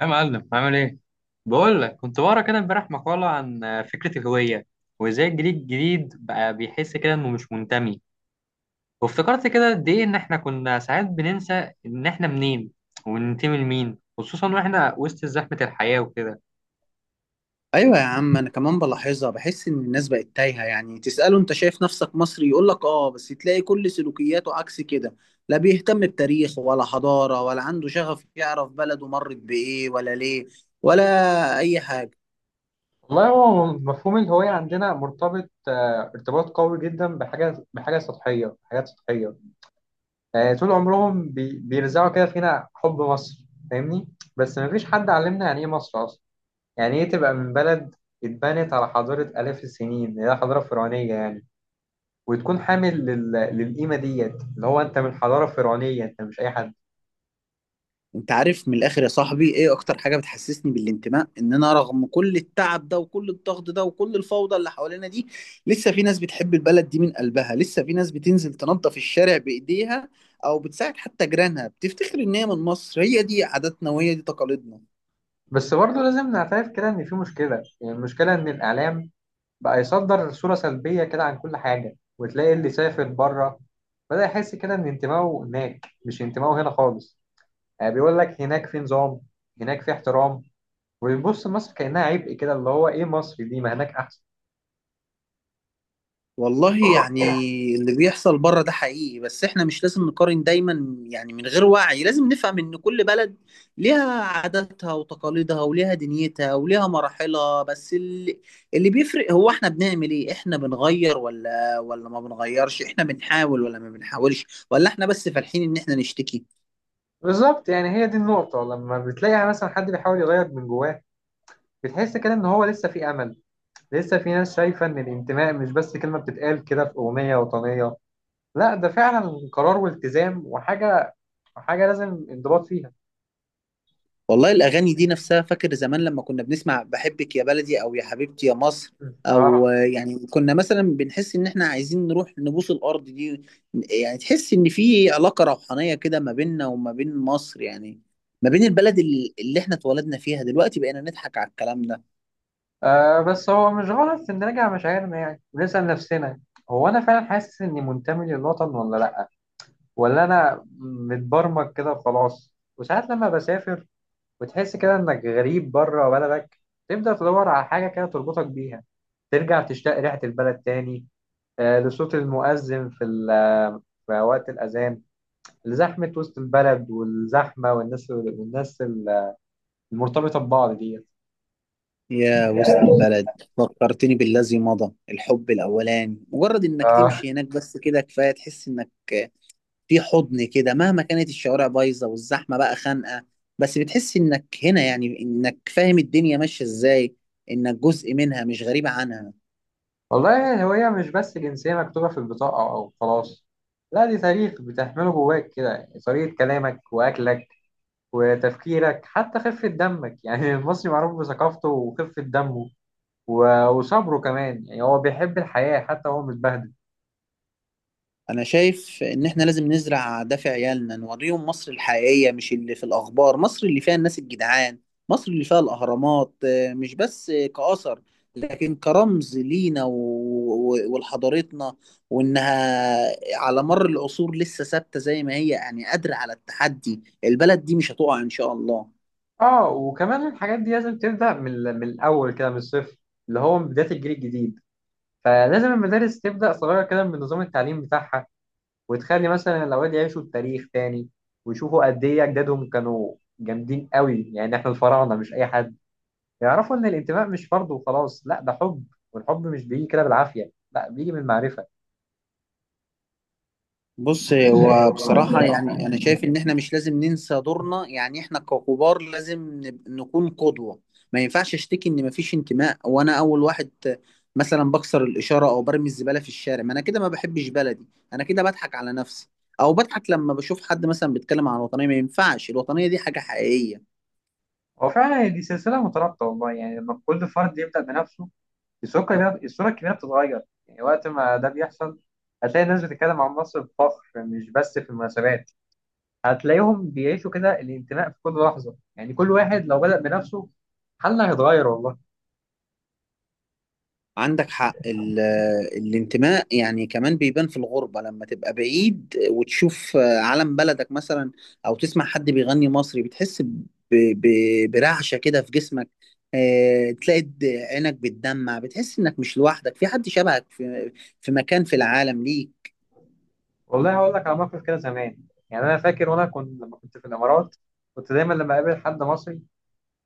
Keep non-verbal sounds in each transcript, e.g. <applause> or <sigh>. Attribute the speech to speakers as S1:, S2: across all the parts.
S1: يا معلم عامل ايه؟ بقول لك كنت بقرا كده امبارح مقالة عن فكرة الهوية، وازاي الجيل الجديد بقى بيحس كده انه مش منتمي. وافتكرت كده قد ايه ان احنا كنا ساعات بننسى ان احنا منين وننتمي لمين، خصوصا واحنا وسط زحمة الحياة وكده.
S2: ايوه يا عم، انا كمان بلاحظها. بحس ان الناس بقت تايهه. يعني تساله انت شايف نفسك مصري، يقول لك اه، بس تلاقي كل سلوكياته عكس كده. لا بيهتم بتاريخ ولا حضاره، ولا عنده شغف يعرف بلده مرت بايه ولا ليه ولا اي حاجه.
S1: والله هو مفهوم الهوية عندنا مرتبط ارتباط قوي جدا بحاجة بحاجة سطحية حاجات سطحية. طول عمرهم بيرزعوا كده فينا حب مصر، فاهمني؟ بس مفيش حد علمنا يعني ايه مصر أصلا، يعني ايه تبقى من بلد اتبنت على حضارة آلاف السنين اللي هي حضارة فرعونية يعني، وتكون حامل للقيمة ديت، اللي هو انت من حضارة فرعونية، انت مش اي حد.
S2: انت عارف من الاخر يا صاحبي ايه اكتر حاجه بتحسسني بالانتماء؟ ان انا رغم كل التعب ده وكل الضغط ده وكل الفوضى اللي حوالينا دي، لسه في ناس بتحب البلد دي من قلبها. لسه في ناس بتنزل تنظف الشارع بايديها، او بتساعد حتى جيرانها، بتفتخر ان هي من مصر. هي دي عاداتنا وهي دي تقاليدنا.
S1: بس برضه لازم نعترف كده ان في مشكلة. يعني المشكلة ان الاعلام بقى يصدر صورة سلبية كده عن كل حاجة، وتلاقي اللي سافر بره بدأ يحس كده ان انتمائه هناك، مش انتمائه هنا خالص. يعني بيقول لك هناك في نظام، هناك في احترام، وبيبص مصر كأنها عبء، كده اللي هو ايه مصر دي، ما هناك احسن.
S2: والله يعني اللي بيحصل بره ده حقيقي، بس احنا مش لازم نقارن دايما يعني من غير وعي. لازم نفهم ان كل بلد ليها عاداتها وتقاليدها وليها دنيتها وليها مراحلها، بس اللي بيفرق هو احنا بنعمل ايه. احنا بنغير ولا ما بنغيرش؟ احنا بنحاول ولا ما بنحاولش؟ ولا احنا بس فالحين ان احنا نشتكي؟
S1: بالظبط، يعني هي دي النقطة. لما بتلاقي يعني مثلا حد بيحاول يغير من جواه، بتحس كده إن هو لسه في أمل. لسه في ناس شايفة إن الانتماء مش بس كلمة بتتقال كده في أغنية وطنية، لا ده فعلا قرار والتزام وحاجة، حاجة لازم انضباط فيها.
S2: والله الأغاني دي نفسها، فاكر زمان لما كنا بنسمع بحبك يا بلدي أو يا حبيبتي يا مصر
S1: آه.
S2: أو يعني كنا مثلا بنحس إن إحنا عايزين نروح نبوس الأرض دي. يعني تحس إن في علاقة روحانية كده ما بيننا وما بين مصر، يعني ما بين البلد اللي إحنا اتولدنا فيها. دلوقتي بقينا نضحك على الكلام ده.
S1: آه بس هو مش غلط إن نراجع مشاعرنا يعني، ونسأل نفسنا: هو أنا فعلا حاسس إني منتمي للوطن ولا لأ؟ ولا أنا متبرمج كده وخلاص؟ وساعات لما بسافر وتحس كده انك غريب بره بلدك، تبدأ تدور على حاجة كده تربطك بيها، ترجع تشتاق ريحة البلد تاني. لصوت المؤذن في في وقت الأذان، لزحمة وسط البلد والزحمة والناس، والناس المرتبطة ببعض دي.
S2: يا وسط البلد، فكرتني بالذي مضى، الحب الأولاني. مجرد إنك
S1: آه.
S2: تمشي هناك بس كده كفاية، تحس إنك في حضن كده. مهما كانت الشوارع بايظه والزحمه بقى خانقه، بس بتحس انك هنا، يعني انك فاهم الدنيا ماشيه ازاي، انك جزء منها مش غريب عنها.
S1: والله الهوية مش بس جنسية مكتوبة في البطاقة أو خلاص، لا دي تاريخ بتحمله جواك كده، طريقة كلامك وأكلك وتفكيرك، حتى خفة دمك. <laughs> يعني المصري معروف بثقافته وخفة دمه وصبره كمان، يعني هو بيحب الحياة حتى هو متبهدل.
S2: انا شايف ان احنا لازم نزرع ده في عيالنا، نوريهم مصر الحقيقية مش اللي في الاخبار. مصر اللي فيها الناس الجدعان، مصر اللي فيها الاهرامات مش بس كأثر، لكن كرمز لينا ولحضارتنا، وانها على مر العصور لسه ثابتة زي ما هي، يعني قادرة على التحدي. البلد دي مش هتقع ان شاء الله.
S1: اه، وكمان الحاجات دي لازم تبدأ من من الأول كده، من الصفر، اللي هو من بداية الجيل الجديد. فلازم المدارس تبدأ صغيرة كده من نظام التعليم بتاعها، وتخلي مثلا الأولاد يعيشوا التاريخ تاني، ويشوفوا قد إيه أجدادهم كانوا جامدين قوي، يعني إحنا الفراعنة مش أي حد. يعرفوا إن الانتماء مش فرض وخلاص، لا ده حب، والحب مش بيجي كده بالعافية، لا بيجي من المعرفة.
S2: بص هو بصراحة يعني أنا شايف إن إحنا مش لازم ننسى دورنا. يعني إحنا ككبار لازم نكون قدوة. ما ينفعش أشتكي إن مفيش انتماء وأنا أول واحد مثلا بكسر الإشارة أو برمي الزبالة في الشارع. ما أنا كده ما بحبش بلدي، أنا كده بضحك على نفسي، أو بضحك لما بشوف حد مثلا بيتكلم عن الوطنية. ما ينفعش، الوطنية دي حاجة حقيقية.
S1: هو فعلا دي سلسلة مترابطة والله، يعني لما كل فرد يبدأ بنفسه، الصورة الكلية بتتغير. يعني وقت ما ده بيحصل، هتلاقي الناس بتتكلم عن مصر بفخر، مش بس في المناسبات. هتلاقيهم بيعيشوا كده الانتماء في كل لحظة، يعني كل واحد لو بدأ بنفسه، حالنا هيتغير والله.
S2: عندك حق، الانتماء يعني كمان بيبان في الغربة، لما تبقى بعيد وتشوف علم بلدك مثلا أو تسمع حد بيغني مصري، بتحس برعشة كده في جسمك. تلاقي عينك بتدمع، بتحس إنك مش لوحدك، في حد شبهك في في مكان في العالم ليك.
S1: والله هقول لك على موقف كده زمان، يعني أنا فاكر وأنا كنت لما كنت في الإمارات، كنت دايما لما أقابل حد مصري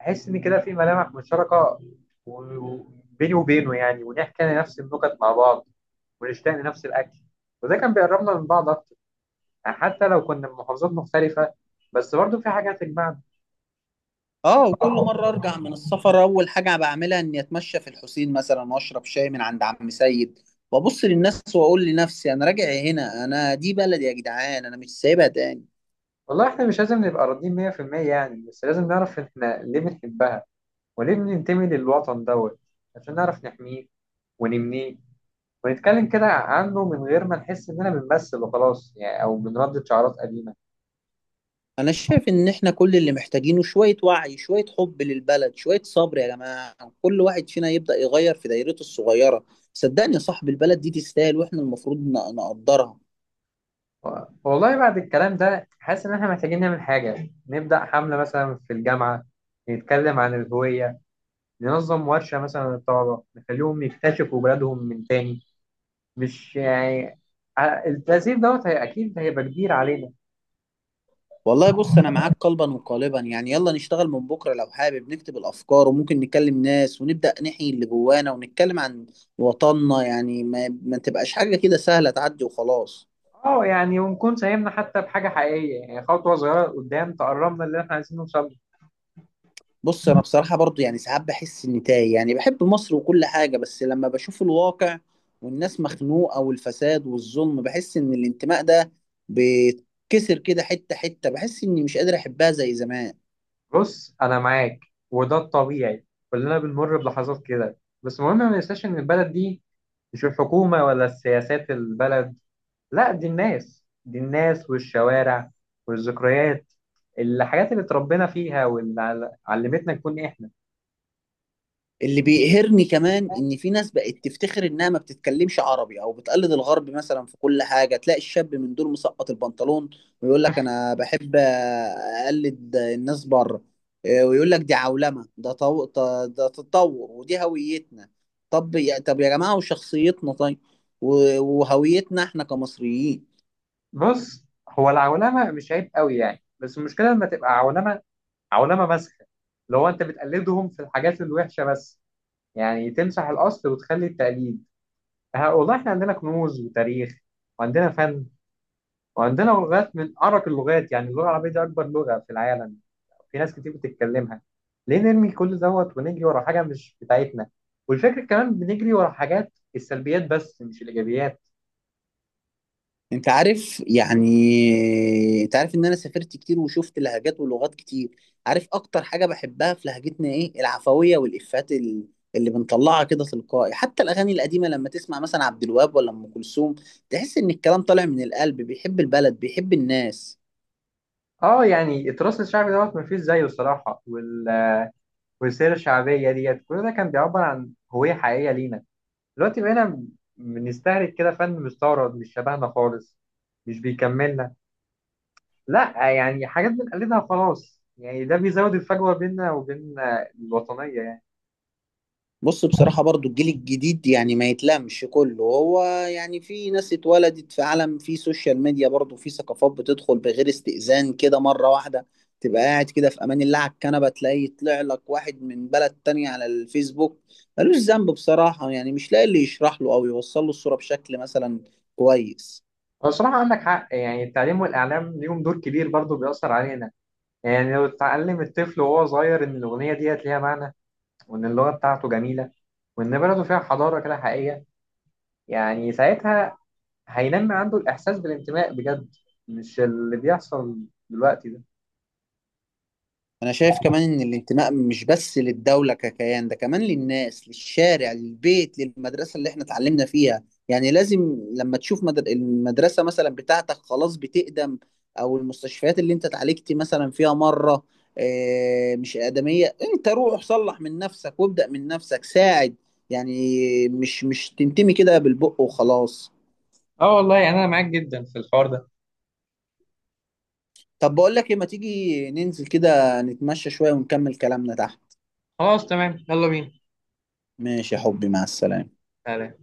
S1: أحس إن كده في ملامح مشتركة بيني وبينه، يعني ونحكي نفس النكت مع بعض، ونشتاق لنفس الأكل، وده كان بيقربنا من بعض أكتر. يعني حتى لو كنا من محافظات مختلفة، بس برضو في حاجة هتجمعنا.
S2: اه، وكل مرة أرجع من السفر أول حاجة بعملها إني أتمشى في الحسين مثلا، وأشرب شاي من عند عم سيد، وأبص للناس وأقول لنفسي أنا راجع هنا، أنا دي بلدي يا جدعان، أنا مش سايبها تاني.
S1: والله احنا مش لازم نبقى راضيين 100% يعني، بس لازم نعرف احنا ليه بنحبها وليه بننتمي للوطن دوت، عشان نعرف نحميه ونبنيه، ونتكلم كده عنه من غير ما نحس اننا بنمثل وخلاص يعني، او بنردد شعارات قديمة.
S2: انا شايف ان احنا كل اللي محتاجينه شوية وعي، شوية حب للبلد، شوية صبر يا جماعة. كل واحد فينا يبدأ يغير في دايرته الصغيرة. صدقني يا صاحب، البلد دي تستاهل، واحنا المفروض نقدرها.
S1: و- والله بعد الكلام ده حاسس ان احنا محتاجين نعمل حاجة، نبدأ حملة مثلا في الجامعة، نتكلم عن الهوية، ننظم ورشة مثلا للطلبة نخليهم يكتشفوا بلادهم من تاني. مش يعني، التأثير دوت هي أكيد هيبقى كبير علينا.
S2: والله بص انا معاك قلبا وقالبا. يعني يلا نشتغل من بكرة لو حابب، نكتب الافكار وممكن نكلم ناس، ونبدأ نحيي اللي جوانا ونتكلم عن وطننا. يعني ما تبقاش حاجة كده سهلة تعدي وخلاص.
S1: اه يعني ونكون ساهمنا حتى بحاجة حقيقية، يعني خطوة صغيرة قدام تقربنا اللي احنا عايزين نوصل له.
S2: بص انا بصراحه برضو يعني ساعات بحس اني تايه. يعني بحب مصر وكل حاجه، بس لما بشوف الواقع والناس مخنوقه والفساد والظلم، بحس ان الانتماء ده بيتكسر كده حته حته. بحس اني مش قادر احبها زي زمان.
S1: بص أنا معاك، وده الطبيعي، كلنا بنمر بلحظات كده. بس المهم ما ننساش إن البلد دي مش الحكومة ولا السياسات، البلد لا دي الناس، دي الناس والشوارع والذكريات، الحاجات اللي اتربينا فيها واللي علمتنا نكون احنا.
S2: اللي بيقهرني كمان ان في ناس بقت تفتخر انها ما بتتكلمش عربي، او بتقلد الغرب مثلا في كل حاجه. تلاقي الشاب من دول مسقط البنطلون ويقول لك انا بحب اقلد الناس بره. ويقول لك دي عولمه، ده ده تطور ودي هويتنا. طب يا جماعه، وشخصيتنا طيب؟ و... وهويتنا احنا كمصريين؟
S1: بص هو العولمه مش عيب قوي يعني، بس المشكله لما تبقى عولمه مسخه، اللي هو انت بتقلدهم في الحاجات الوحشه بس، يعني تمسح الاصل وتخلي التقليد. والله احنا عندنا كنوز وتاريخ، وعندنا فن، وعندنا لغات من ارق اللغات، يعني اللغه العربيه دي اكبر لغه في العالم، في ناس كتير بتتكلمها. ليه نرمي كل دوت ونجري ورا حاجه مش بتاعتنا؟ والفكره كمان بنجري ورا حاجات السلبيات بس، مش الايجابيات.
S2: انت عارف، يعني انت عارف ان انا سافرت كتير وشفت لهجات ولغات كتير. عارف اكتر حاجة بحبها في لهجتنا ايه؟ العفوية، والافات اللي بنطلعها كده تلقائي. حتى الاغاني القديمة لما تسمع مثلا عبد الوهاب ولا ام كلثوم، تحس ان الكلام طالع من القلب، بيحب البلد، بيحب الناس.
S1: اه يعني التراث الشعبي دوت مفيش زيه الصراحه، والسيرة الشعبية ديت، كل ده كان بيعبر عن هوية حقيقية لينا. دلوقتي بقينا بنستهلك كده فن مستورد مش شبهنا خالص، مش بيكملنا، لا يعني حاجات بنقلدها خلاص، يعني ده بيزود الفجوة بيننا وبين الوطنية يعني.
S2: بص بصراحة برضو الجيل الجديد يعني ما يتلامش كله هو. يعني في ناس اتولدت في عالم، في سوشيال ميديا، برضو في ثقافات بتدخل بغير استئذان كده مرة واحدة. تبقى قاعد كده في أمان الله على الكنبة، تلاقي يطلع لك واحد من بلد تانية على الفيسبوك. ملوش ذنب بصراحة، يعني مش لاقي اللي يشرح له أو يوصل له الصورة بشكل مثلا كويس.
S1: هو بصراحة عندك حق، يعني التعليم والإعلام ليهم دور كبير برضه، بيأثر علينا. يعني لو اتعلم الطفل وهو صغير إن الأغنية ديت ليها معنى، وإن اللغة بتاعته جميلة، وإن بلده فيها حضارة كده حقيقية، يعني ساعتها هينمي عنده الإحساس بالانتماء بجد، مش اللي بيحصل دلوقتي ده.
S2: انا شايف كمان ان الانتماء مش بس للدولة ككيان، ده كمان للناس، للشارع، للبيت، للمدرسة اللي احنا اتعلمنا فيها. يعني لازم لما تشوف المدرسة مثلا بتاعتك خلاص بتقدم، او المستشفيات اللي انت اتعالجت مثلا فيها مرة مش آدمية، انت روح صلح من نفسك وابدأ من نفسك، ساعد. يعني مش تنتمي كده بالبق وخلاص.
S1: اه والله انا معاك جدا في الحوار ده.
S2: طب بقول لك ايه، ما تيجي ننزل كده نتمشى شوية ونكمل كلامنا تحت؟
S1: خلاص تمام، يلا بينا.
S2: ماشي يا حبي، مع السلامة.
S1: تعالى.